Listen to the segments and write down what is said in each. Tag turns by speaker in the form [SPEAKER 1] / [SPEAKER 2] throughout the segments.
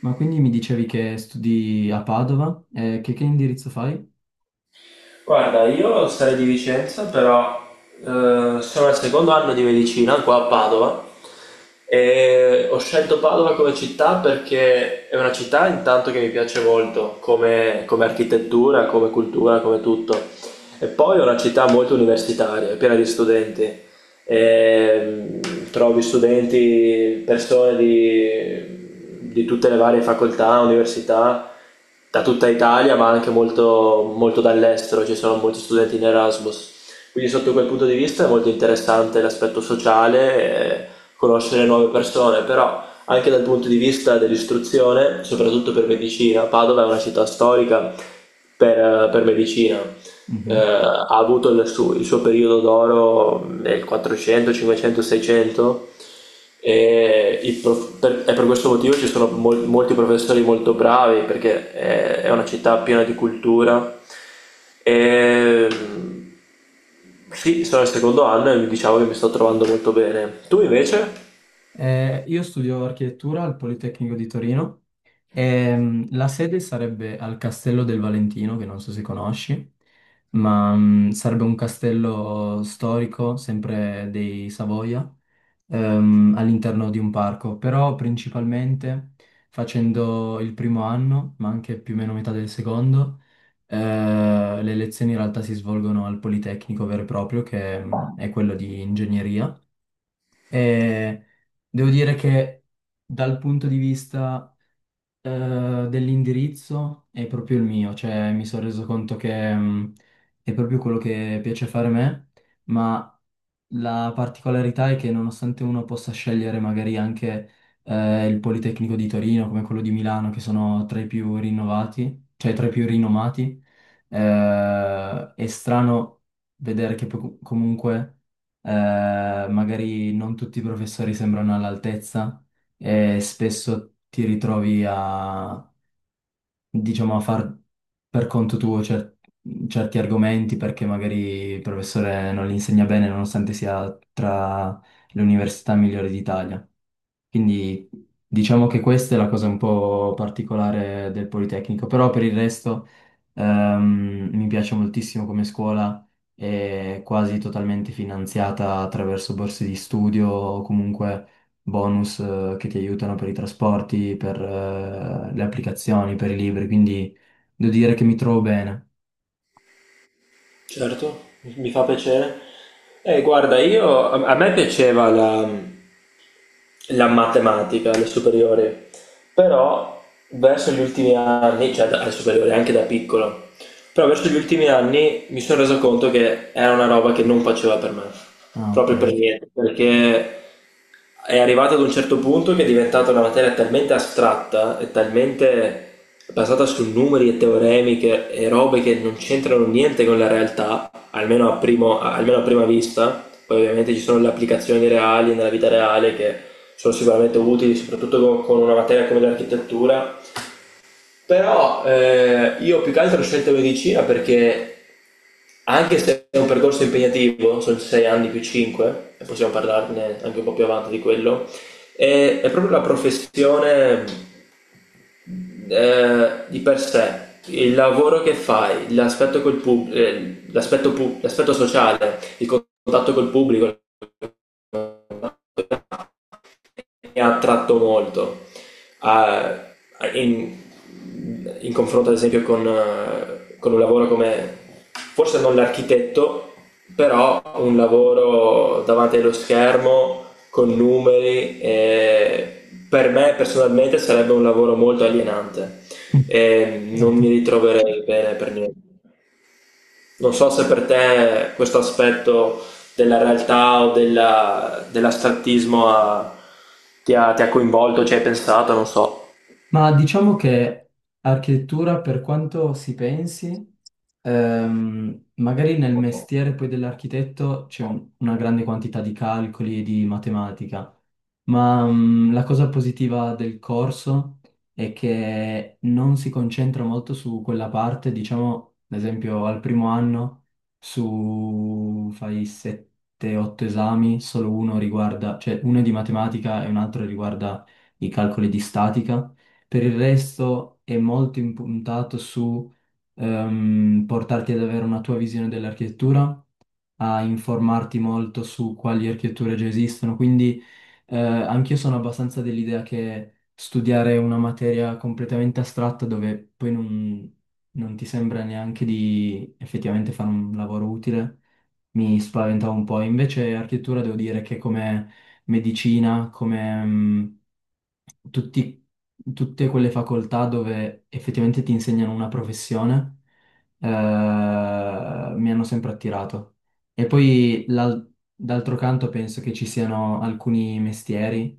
[SPEAKER 1] Ma quindi mi dicevi che studi a Padova? Che indirizzo fai?
[SPEAKER 2] Guarda, io sarei di Vicenza, però sono al secondo anno di medicina qua a Padova e ho scelto Padova come città perché è una città intanto che mi piace molto come architettura, come cultura, come tutto. E poi è una città molto universitaria, è piena di studenti ehm, trovi studenti, persone di tutte le varie facoltà, università, da tutta Italia, ma anche molto, molto dall'estero, ci sono molti studenti in Erasmus. Quindi sotto quel punto di vista è molto interessante l'aspetto sociale, conoscere nuove persone, però anche dal punto di vista dell'istruzione, soprattutto per medicina, Padova è una città storica per medicina.
[SPEAKER 1] Mhm.
[SPEAKER 2] Ha avuto il suo periodo d'oro nel 400, 500, 600 e per questo motivo ci sono molti professori molto bravi, perché è una città piena di cultura e sì, sono al secondo anno e mi diciamo che mi sto trovando molto bene. Tu invece?
[SPEAKER 1] Io studio architettura al Politecnico di Torino e la sede sarebbe al Castello del Valentino, che non so se conosci, ma sarebbe un castello storico, sempre dei Savoia, all'interno di un parco, però principalmente facendo il primo anno, ma anche più o meno metà del secondo. Le lezioni in realtà si svolgono al Politecnico vero e proprio, che è quello di ingegneria. E devo dire che dal punto di vista dell'indirizzo è proprio il mio, cioè mi sono reso conto che è proprio quello che piace fare a me, ma la particolarità è che nonostante uno possa scegliere magari anche il Politecnico di Torino come quello di Milano, che sono tra i più rinnovati, cioè tra i più rinomati. È strano vedere che comunque magari non tutti i professori sembrano all'altezza e spesso ti ritrovi, diciamo, a far per conto tuo certi argomenti perché magari il professore non li insegna bene nonostante sia tra le università migliori d'Italia. Quindi diciamo che questa è la cosa un po' particolare del Politecnico, però per il resto mi piace moltissimo come scuola. È quasi totalmente finanziata attraverso borse di studio o comunque bonus che ti aiutano per i trasporti, per le applicazioni, per i libri, quindi devo dire che mi trovo bene.
[SPEAKER 2] Certo, mi fa piacere. Guarda, io a me piaceva la matematica alle superiori, però verso gli ultimi anni, cioè alle superiori anche da piccolo, però verso gli ultimi anni mi sono reso conto che era una roba che non faceva per me,
[SPEAKER 1] Ah, ok.
[SPEAKER 2] proprio per niente, perché è arrivato ad un certo punto che è diventata una materia talmente astratta e talmente basata su numeri e teoremi e robe che non c'entrano niente con la realtà, almeno almeno a prima vista. Poi ovviamente ci sono le applicazioni reali nella vita reale, che sono sicuramente utili, soprattutto con una materia come l'architettura. Però io più che altro ho scelto medicina perché, anche se è un percorso impegnativo, sono 6 anni più 5, e possiamo parlarne anche un po' più avanti di quello, è proprio la professione di per sé, il lavoro che fai, l'aspetto sociale, il contatto col pubblico, mi ha attratto molto. Ah, in, in confronto, ad esempio, con un lavoro come, forse non l'architetto, però un lavoro davanti allo schermo con numeri. Per me personalmente sarebbe un lavoro molto alienante e non mi
[SPEAKER 1] Certo.
[SPEAKER 2] ritroverei bene per niente. Non so se per te questo aspetto della realtà o dell'astrattismo ti ha coinvolto, ci hai pensato, non so.
[SPEAKER 1] Ma diciamo che architettura, per quanto si pensi, magari nel mestiere poi dell'architetto c'è una grande quantità di calcoli e di matematica. Ma la cosa positiva del corso è che non si concentra molto su quella parte, diciamo, ad esempio al primo anno su fai 7-8 esami, solo uno riguarda, cioè uno è di matematica e un altro riguarda i calcoli di statica. Per il resto è molto impuntato su portarti ad avere una tua visione dell'architettura, a informarti molto su quali architetture già esistono. Quindi anch'io sono abbastanza dell'idea che studiare una materia completamente astratta dove poi non ti sembra neanche di effettivamente fare un lavoro utile mi spaventava un po'. Invece architettura devo dire che come medicina, come tutti- tutte quelle facoltà dove effettivamente ti insegnano una professione mi hanno sempre attirato. E poi d'altro canto penso che ci siano alcuni mestieri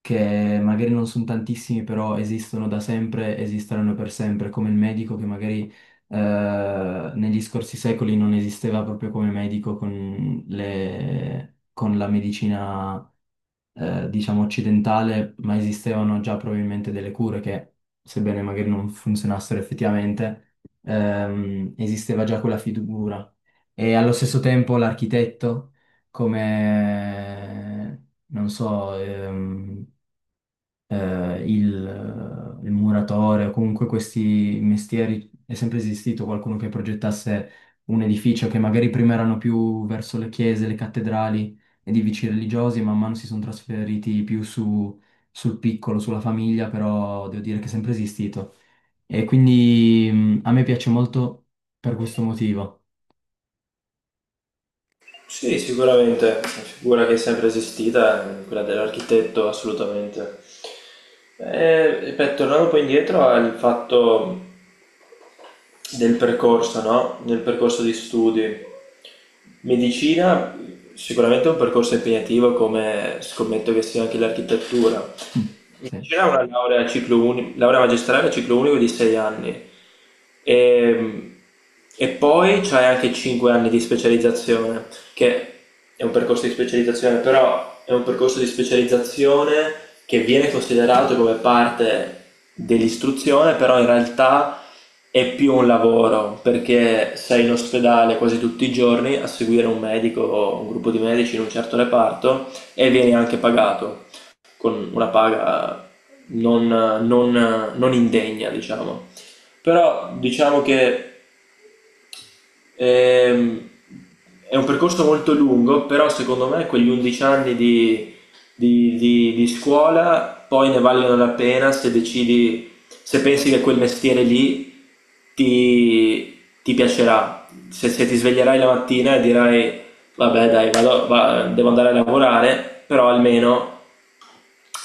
[SPEAKER 1] che magari non sono tantissimi, però esistono da sempre, esisteranno per sempre, come il medico che magari negli scorsi secoli non esisteva proprio come medico con con la medicina, diciamo, occidentale, ma esistevano già probabilmente delle cure che, sebbene magari non funzionassero effettivamente, esisteva già quella figura. E allo stesso tempo l'architetto, come, non so, il muratore o comunque questi mestieri, è sempre esistito qualcuno che progettasse un edificio che magari prima erano più verso le chiese, le cattedrali, edifici religiosi, man mano si sono trasferiti più su, sul piccolo, sulla famiglia, però devo dire che è sempre esistito. E quindi a me piace molto per questo motivo.
[SPEAKER 2] Sì, sicuramente, è una figura che è sempre esistita, quella dell'architetto, assolutamente. Ripeto, tornando poi indietro al fatto del percorso, no? Del percorso di studi. Medicina sicuramente è un percorso impegnativo, come scommetto che sia anche l'architettura.
[SPEAKER 1] Mm. Sì.
[SPEAKER 2] Invece era una laurea magistrale a ciclo unico di 6 anni. E, e poi c'hai anche 5 anni di specializzazione, che è un percorso di specializzazione, però è un percorso di specializzazione che viene considerato come parte dell'istruzione, però in realtà è più un lavoro, perché sei in ospedale quasi tutti i giorni a seguire un medico o un gruppo di medici in un certo reparto e vieni anche pagato con una paga non indegna, diciamo. Però diciamo che ehm, è un percorso molto lungo, però secondo me quegli 11 anni di scuola poi ne valgono la pena, se decidi, se pensi che quel mestiere lì ti, ti piacerà. Se ti sveglierai la mattina e dirai, vabbè dai, devo andare a lavorare, però almeno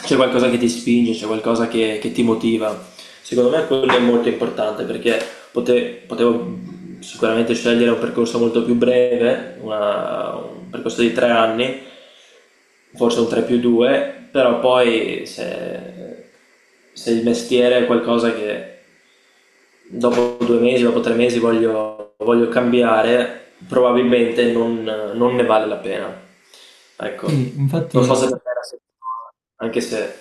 [SPEAKER 2] c'è qualcosa che ti spinge, c'è qualcosa che ti motiva. Secondo me quello è molto importante, perché potevo sicuramente scegliere un percorso molto più breve, un percorso di tre anni, forse un 3 più 2, però poi, se il mestiere è qualcosa che dopo due mesi, dopo tre mesi voglio cambiare, probabilmente non ne vale la pena. Ecco,
[SPEAKER 1] Sì,
[SPEAKER 2] non so se
[SPEAKER 1] infatti.
[SPEAKER 2] per te è la stessa cosa, anche se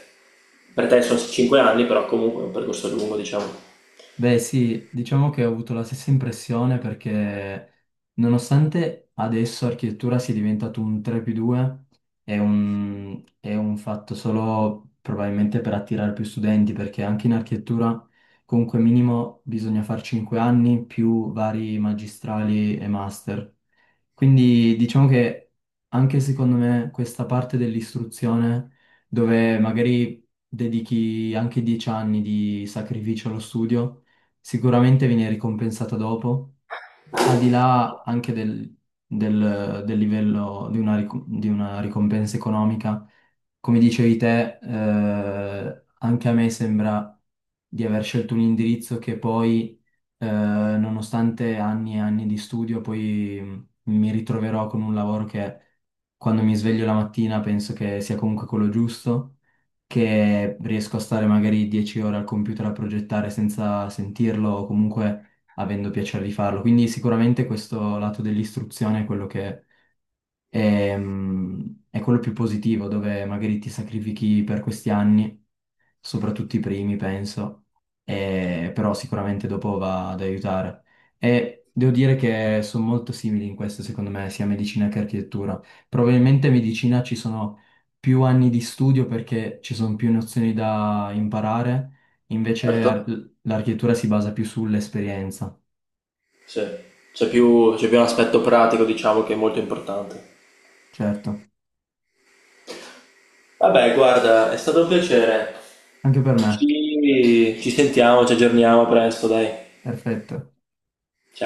[SPEAKER 2] per te sono 5 anni, però comunque è un percorso lungo, diciamo.
[SPEAKER 1] Beh sì, diciamo che ho avuto la stessa impressione perché nonostante adesso architettura sia diventato un 3 più 2, è un fatto solo probabilmente per attirare più studenti, perché anche in architettura comunque minimo bisogna fare 5 anni più vari magistrali e master. Quindi diciamo che anche secondo me questa parte dell'istruzione, dove magari dedichi anche 10 anni di sacrificio allo studio, sicuramente viene ricompensata dopo, al di là anche del livello di una ricompensa economica. Come dicevi te, anche a me sembra di aver scelto un indirizzo che poi, nonostante anni e anni di studio, poi mi ritroverò con un lavoro che quando mi sveglio la mattina penso che sia comunque quello giusto, che riesco a stare magari 10 ore al computer a progettare senza sentirlo o comunque avendo piacere di farlo. Quindi sicuramente questo lato dell'istruzione è quello che è quello più positivo, dove magari ti sacrifichi per questi anni, soprattutto i primi, penso, però sicuramente dopo va ad aiutare. E devo dire che sono molto simili in questo, secondo me, sia medicina che architettura. Probabilmente in medicina ci sono più anni di studio perché ci sono più nozioni da imparare, invece
[SPEAKER 2] Certo?
[SPEAKER 1] l'architettura si basa più sull'esperienza,
[SPEAKER 2] Sì. C'è più un aspetto pratico, diciamo, che è molto importante.
[SPEAKER 1] certo.
[SPEAKER 2] Vabbè, guarda, è stato un piacere.
[SPEAKER 1] Anche per me,
[SPEAKER 2] Ci sentiamo, ci aggiorniamo presto, dai.
[SPEAKER 1] perfetto.
[SPEAKER 2] Ciao.